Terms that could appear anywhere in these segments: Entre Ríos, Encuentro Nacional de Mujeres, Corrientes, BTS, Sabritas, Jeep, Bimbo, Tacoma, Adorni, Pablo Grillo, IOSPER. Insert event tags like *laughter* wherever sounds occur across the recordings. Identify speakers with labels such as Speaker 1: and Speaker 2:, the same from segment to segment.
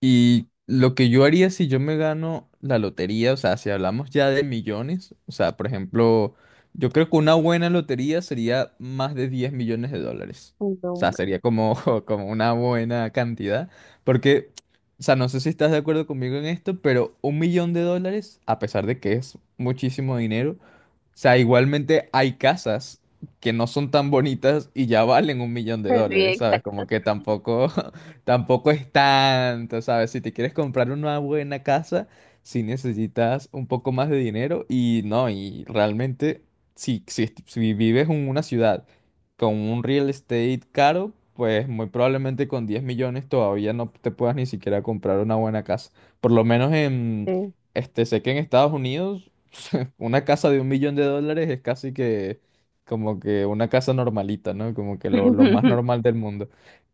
Speaker 1: Y lo que yo haría si yo me gano la lotería, o sea, si hablamos ya de millones, o sea, por ejemplo, yo creo que una buena lotería sería más de $10 millones. O
Speaker 2: No,
Speaker 1: sea,
Speaker 2: ma-
Speaker 1: sería como, *laughs* como una buena cantidad. Porque, o sea, no sé si estás de acuerdo conmigo en esto, pero $1 millón, a pesar de que es muchísimo dinero, o sea, igualmente hay casas que no son tan bonitas y ya valen $1 millón,
Speaker 2: directa.
Speaker 1: ¿sabes? Como que tampoco, *laughs* tampoco es tanto, ¿sabes? Si te quieres comprar una buena casa, sí necesitas un poco más de dinero y no, y realmente, si vives en una ciudad con un real estate caro, pues muy probablemente con 10 millones todavía no te puedas ni siquiera comprar una buena casa. Por lo menos en,
Speaker 2: eh.
Speaker 1: este, Sé que en Estados Unidos... *laughs* una casa de $1 millón es casi que como que una casa normalita, ¿no? Como que lo
Speaker 2: Ujú.
Speaker 1: más normal del mundo.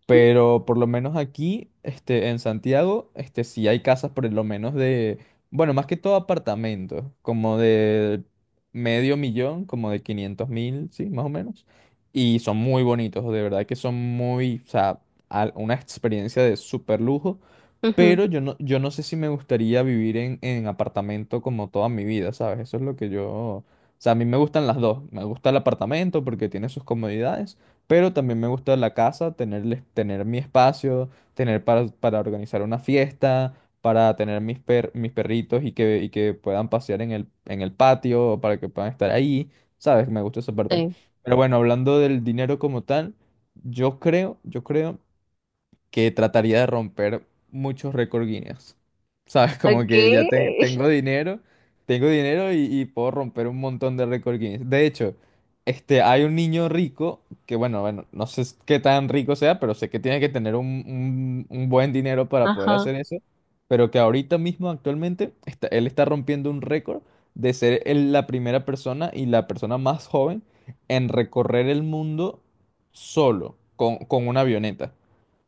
Speaker 1: Pero por lo menos aquí, este, en Santiago, este, sí hay casas por lo menos de, bueno, más que todo apartamentos, como de medio millón, como de 500.000, sí, más o menos. Y son muy bonitos, de verdad que son muy, o sea, una experiencia de súper lujo.
Speaker 2: *laughs*
Speaker 1: Pero yo no sé si me gustaría vivir en apartamento como toda mi vida, ¿sabes? Eso es lo que yo... O sea, a mí me gustan las dos. Me gusta el apartamento porque tiene sus comodidades, pero también me gusta la casa, tener, tener mi espacio, tener para organizar una fiesta, para tener mis perritos y que puedan pasear en en el patio, para que puedan estar ahí, ¿sabes? Me gusta esa parte.
Speaker 2: eh.
Speaker 1: Pero bueno, hablando del dinero como tal, yo creo que trataría de romper muchos récord Guinness. *laughs* ¿Sabes? Como
Speaker 2: Ok.
Speaker 1: que tengo dinero y puedo romper un montón de récord Guinness. De hecho, este, hay un niño rico que, bueno, no sé s- qué tan rico sea, pero sé que tiene que tener un buen dinero para poder
Speaker 2: Ajá.
Speaker 1: hacer eso. Pero que ahorita mismo, actualmente, él está rompiendo un récord de ser la primera persona y la persona más joven en recorrer el mundo solo, con una avioneta.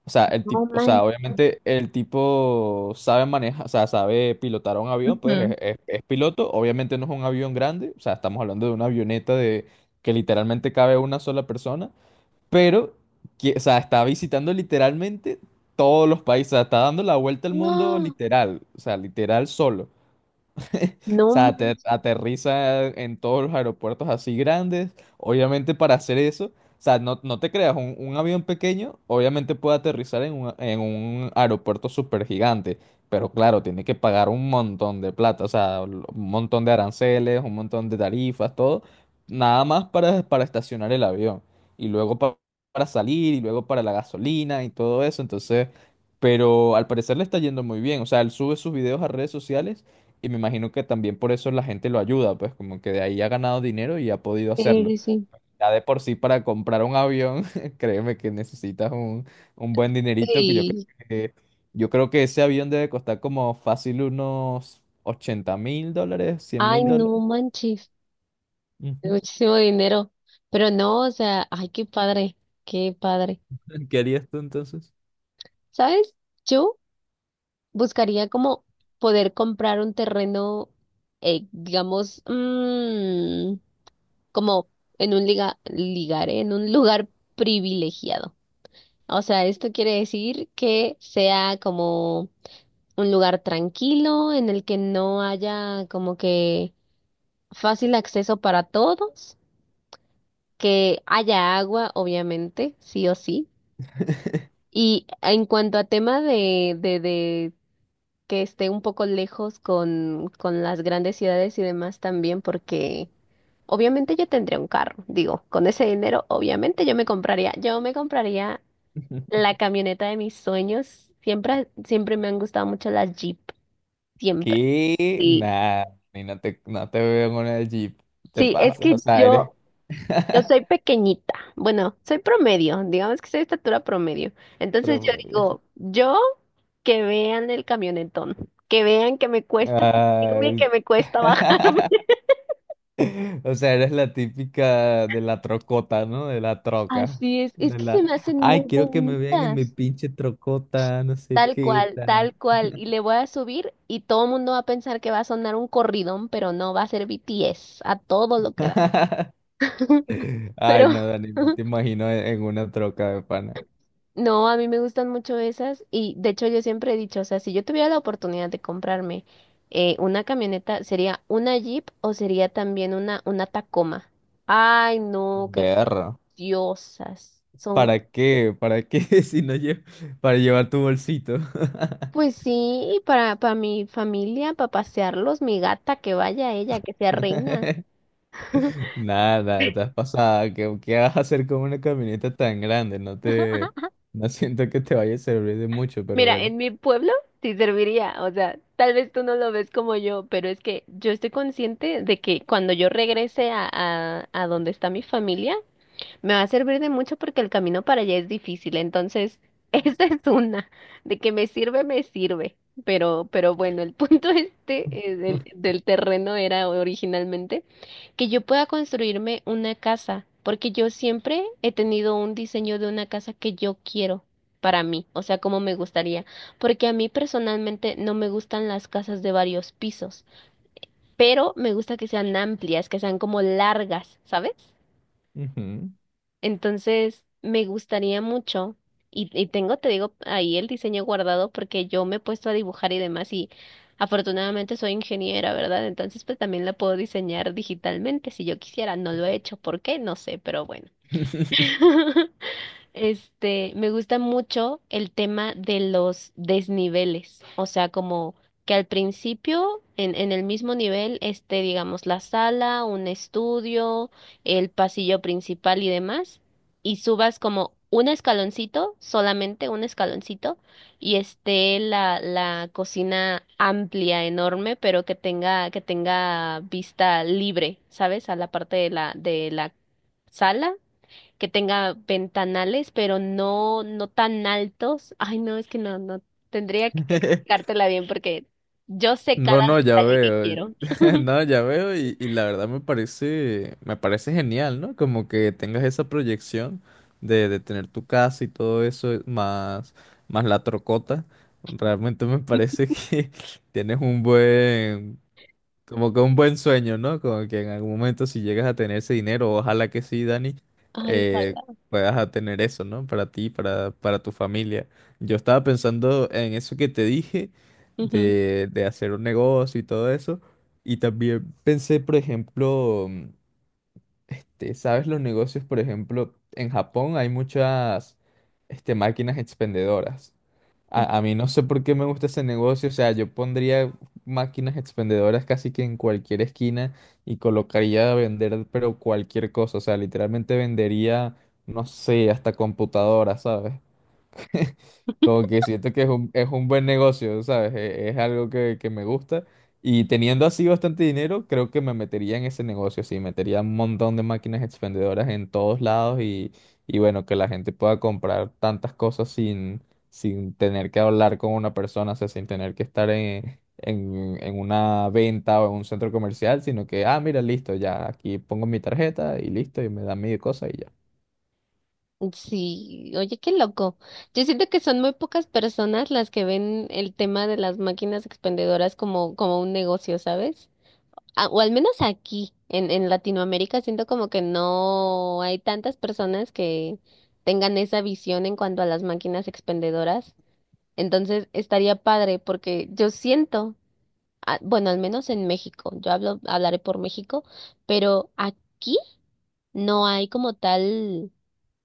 Speaker 1: O sea, el
Speaker 2: No
Speaker 1: tipo, o
Speaker 2: manches.
Speaker 1: sea, obviamente el tipo sabe manejar, o sea, sabe pilotar un avión, pues
Speaker 2: Ujú.
Speaker 1: es piloto. Obviamente no es un avión grande, o sea, estamos hablando de una avioneta de que literalmente cabe una sola persona, pero, o sea, está visitando literalmente todos los países, o sea, está dando la vuelta al mundo
Speaker 2: No,
Speaker 1: literal, o sea, literal solo. *laughs* O
Speaker 2: no
Speaker 1: sea,
Speaker 2: manches.
Speaker 1: aterriza en todos los aeropuertos así grandes. Obviamente para hacer eso, o sea, no te creas, un avión pequeño obviamente puede aterrizar en en un aeropuerto súper gigante, pero claro, tiene que pagar un montón de plata, o sea, un montón de aranceles, un montón de tarifas, todo, nada más para estacionar el avión. Y para salir, y luego para la gasolina y todo eso, entonces... Pero al parecer le está yendo muy bien. O sea, él sube sus videos a redes sociales y me imagino que también por eso la gente lo ayuda, pues como que de ahí ha ganado dinero y ha podido hacerlo.
Speaker 2: Sí. sí
Speaker 1: Ya de por sí para comprar un avión, *laughs* créeme que necesitas un buen dinerito.
Speaker 2: sí
Speaker 1: Que, yo creo que ese avión debe costar como fácil unos $80.000, cien
Speaker 2: Ay,
Speaker 1: mil dólares.
Speaker 2: no manches.
Speaker 1: Ujú.
Speaker 2: Muchísimo dinero. Pero no, o sea, ay, qué padre. Qué padre.
Speaker 1: *laughs* ¿Qué harías tú entonces?
Speaker 2: ¿Sabes? Yo buscaría como poder comprar un terreno, digamos, mm, como en un ligar, en un lugar privilegiado. O sea, esto quiere decir que sea como un lugar tranquilo en el que no haya como que fácil acceso para todos, que haya agua, obviamente, sí o sí. Y en cuanto a tema de que esté un poco lejos con las grandes ciudades y demás también, porque obviamente yo tendría un carro, digo, con ese dinero, obviamente yo me compraría
Speaker 1: *laughs*
Speaker 2: la camioneta de mis sueños. Siempre, siempre me han gustado mucho las Jeep. Siempre.
Speaker 1: ¿Qué?
Speaker 2: Sí,
Speaker 1: Nada, ni no te, no te veo en una Jeep. Te
Speaker 2: sí, es
Speaker 1: pasas, o
Speaker 2: que
Speaker 1: sea, eres
Speaker 2: yo soy
Speaker 1: *laughs*
Speaker 2: pequeñita. Bueno, soy promedio. Digamos que soy de estatura promedio. Entonces yo
Speaker 1: promedio.
Speaker 2: digo, yo que vean el camionetón. Que vean que me cuesta subirme,
Speaker 1: Ay.
Speaker 2: que me cuesta bajarme.
Speaker 1: *laughs* O sea, eres la típica de la trocota, ¿no? De la
Speaker 2: *laughs*
Speaker 1: troca.
Speaker 2: Así es. Es
Speaker 1: De
Speaker 2: que
Speaker 1: la,
Speaker 2: se me hacen
Speaker 1: ay,
Speaker 2: muy
Speaker 1: quiero que me vean en mi
Speaker 2: bonitas.
Speaker 1: pinche trocota, no sé
Speaker 2: Tal
Speaker 1: qué
Speaker 2: cual,
Speaker 1: tal.
Speaker 2: tal cual. Y le voy a subir y todo el mundo va a pensar que va a sonar un corridón, pero no, va a ser BTS a todo lo que da.
Speaker 1: *laughs*
Speaker 2: *laughs*
Speaker 1: Ay,
Speaker 2: Pero
Speaker 1: no, Dani, no te imagino en una troca de pana.
Speaker 2: *laughs* no, a mí me gustan mucho esas y de hecho yo siempre he dicho, o sea, si yo tuviera la oportunidad de comprarme una camioneta, ¿sería una Jeep o sería también una Tacoma? Ay, no, qué
Speaker 1: Perro.
Speaker 2: diosas son.
Speaker 1: ¿Para qué? ¿Para qué *laughs* si no llevo? Para llevar tu bolsito.
Speaker 2: Pues sí, para mi familia, para pasearlos, mi gata, que vaya ella, que sea reina.
Speaker 1: *laughs* Nada, estás pasada. ¿Qué vas a hacer con una camioneta tan grande? No siento que te vaya a servir de mucho, pero
Speaker 2: Mira,
Speaker 1: bueno.
Speaker 2: en mi pueblo sí serviría, o sea, tal vez tú no lo ves como yo, pero es que yo estoy consciente de que cuando yo regrese a donde está mi familia, me va a servir de mucho porque el camino para allá es difícil, entonces *laughs* esa es una, de que me sirve, pero bueno, el punto *laughs*
Speaker 1: *laughs*
Speaker 2: del terreno era originalmente que yo pueda construirme una casa, porque yo siempre he tenido un diseño de una casa que yo quiero para mí, o sea, como me gustaría, porque a mí personalmente no me gustan las casas de varios pisos, pero me gusta que sean amplias, que sean como largas, ¿sabes?
Speaker 1: Ujú.
Speaker 2: Entonces, me gustaría mucho, y tengo, te digo, ahí el diseño guardado porque yo me he puesto a dibujar y demás, y afortunadamente soy ingeniera, ¿verdad? Entonces, pues también la puedo diseñar digitalmente si yo quisiera. No lo he hecho, ¿por qué? No sé, pero bueno.
Speaker 1: *laughs*
Speaker 2: *laughs* Este, me gusta mucho el tema de los desniveles, o sea, como que al principio, en el mismo nivel, esté, digamos, la sala, un estudio, el pasillo principal y demás, y subas como un escaloncito, solamente un escaloncito, y esté la cocina amplia, enorme, pero que tenga vista libre, ¿sabes? A la parte de de la sala que tenga ventanales, pero no, no tan altos. Ay, no, es que no, no, tendría que explicártela bien porque yo sé
Speaker 1: No,
Speaker 2: cada
Speaker 1: no, ya
Speaker 2: detalle que
Speaker 1: veo.
Speaker 2: quiero.
Speaker 1: *laughs*
Speaker 2: *laughs*
Speaker 1: No, ya veo y la verdad me parece genial, ¿no? Como que tengas esa proyección de tener tu casa y todo eso, más la trocota. Realmente me parece que *laughs* tienes como que un buen sueño, ¿no? Como que en algún momento si llegas a tener ese dinero, ojalá que sí, Dani,
Speaker 2: Ay,
Speaker 1: eh,
Speaker 2: ojalá.
Speaker 1: puedas a tener eso, ¿no? Para ti, para tu familia. Yo estaba pensando en eso que te dije,
Speaker 2: Ujú.
Speaker 1: de hacer un negocio y todo eso. Y también pensé, por ejemplo, este, ¿sabes los negocios? Por ejemplo, en Japón hay muchas, este, máquinas expendedoras. A mí no sé por qué me gusta ese negocio, o sea, yo pondría máquinas expendedoras casi que en cualquier esquina y colocaría a vender, pero cualquier cosa, o sea, literalmente vendería, no sé, hasta computadoras, ¿sabes? *laughs* Como que siento que es un buen negocio, ¿sabes? Es, algo que me gusta. Y teniendo así bastante dinero, creo que me metería en ese negocio, sí. Metería un montón de máquinas expendedoras en todos lados y bueno, que la gente pueda comprar tantas cosas sin, sin tener que hablar con una persona, o sea, sin tener que estar en una venta o en un centro comercial, sino que, ah, mira, listo, ya aquí pongo mi tarjeta y listo, y me da mi cosa y ya.
Speaker 2: Sí, oye, qué loco. Yo siento que son muy pocas personas las que ven el tema de las máquinas expendedoras como, como un negocio, ¿sabes? Ah, o al menos aquí, en Latinoamérica, siento como que no hay tantas personas que tengan esa visión en cuanto a las máquinas expendedoras. Entonces estaría padre porque yo siento, ah, bueno, al menos en México, yo hablo, hablaré por México, pero aquí no hay como tal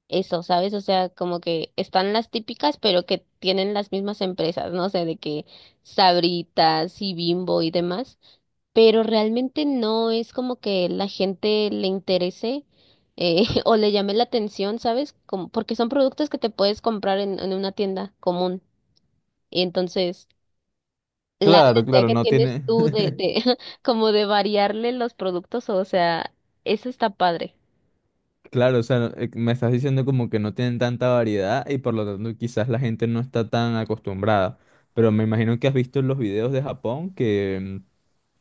Speaker 2: eso, ¿sabes? O sea, como que están las típicas, pero que tienen las mismas empresas, no sé, de que Sabritas y Bimbo y demás, pero realmente no es como que la gente le interese. *laughs* O le llame la atención, ¿sabes? Como, porque son productos que te puedes comprar en una tienda común. Y entonces, la
Speaker 1: Claro,
Speaker 2: idea
Speaker 1: claro,
Speaker 2: que
Speaker 1: no
Speaker 2: tienes
Speaker 1: tiene.
Speaker 2: tú
Speaker 1: *laughs*
Speaker 2: de *laughs* como de variarle los productos, o sea, eso está padre.
Speaker 1: Claro, o sea, me estás diciendo como que no tienen tanta variedad y por lo tanto quizás la gente no está tan acostumbrada. Pero me imagino que has visto los videos de Japón que, mm,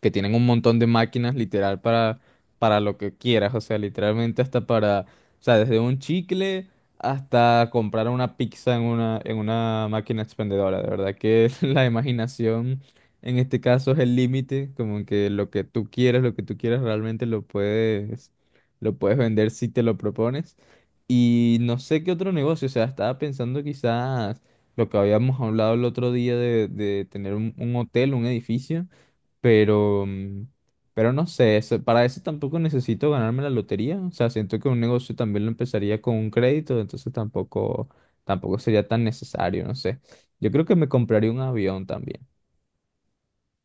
Speaker 1: que tienen un montón de máquinas literal para lo que quieras. O sea, literalmente hasta para, o sea, desde un chicle hasta comprar una pizza en una máquina expendedora. De verdad que *laughs* la imaginación en este caso es el límite, como que lo que tú quieres realmente lo puedes vender si te lo propones. Y no sé qué otro negocio, o sea, estaba pensando quizás lo que habíamos hablado el otro día de tener un hotel, un edificio, pero, mm, pero no sé, para eso tampoco necesito ganarme la lotería, o sea, siento que un negocio también lo empezaría con un crédito, entonces tampoco, tampoco sería tan necesario, no sé. Yo creo que me compraría un avión también.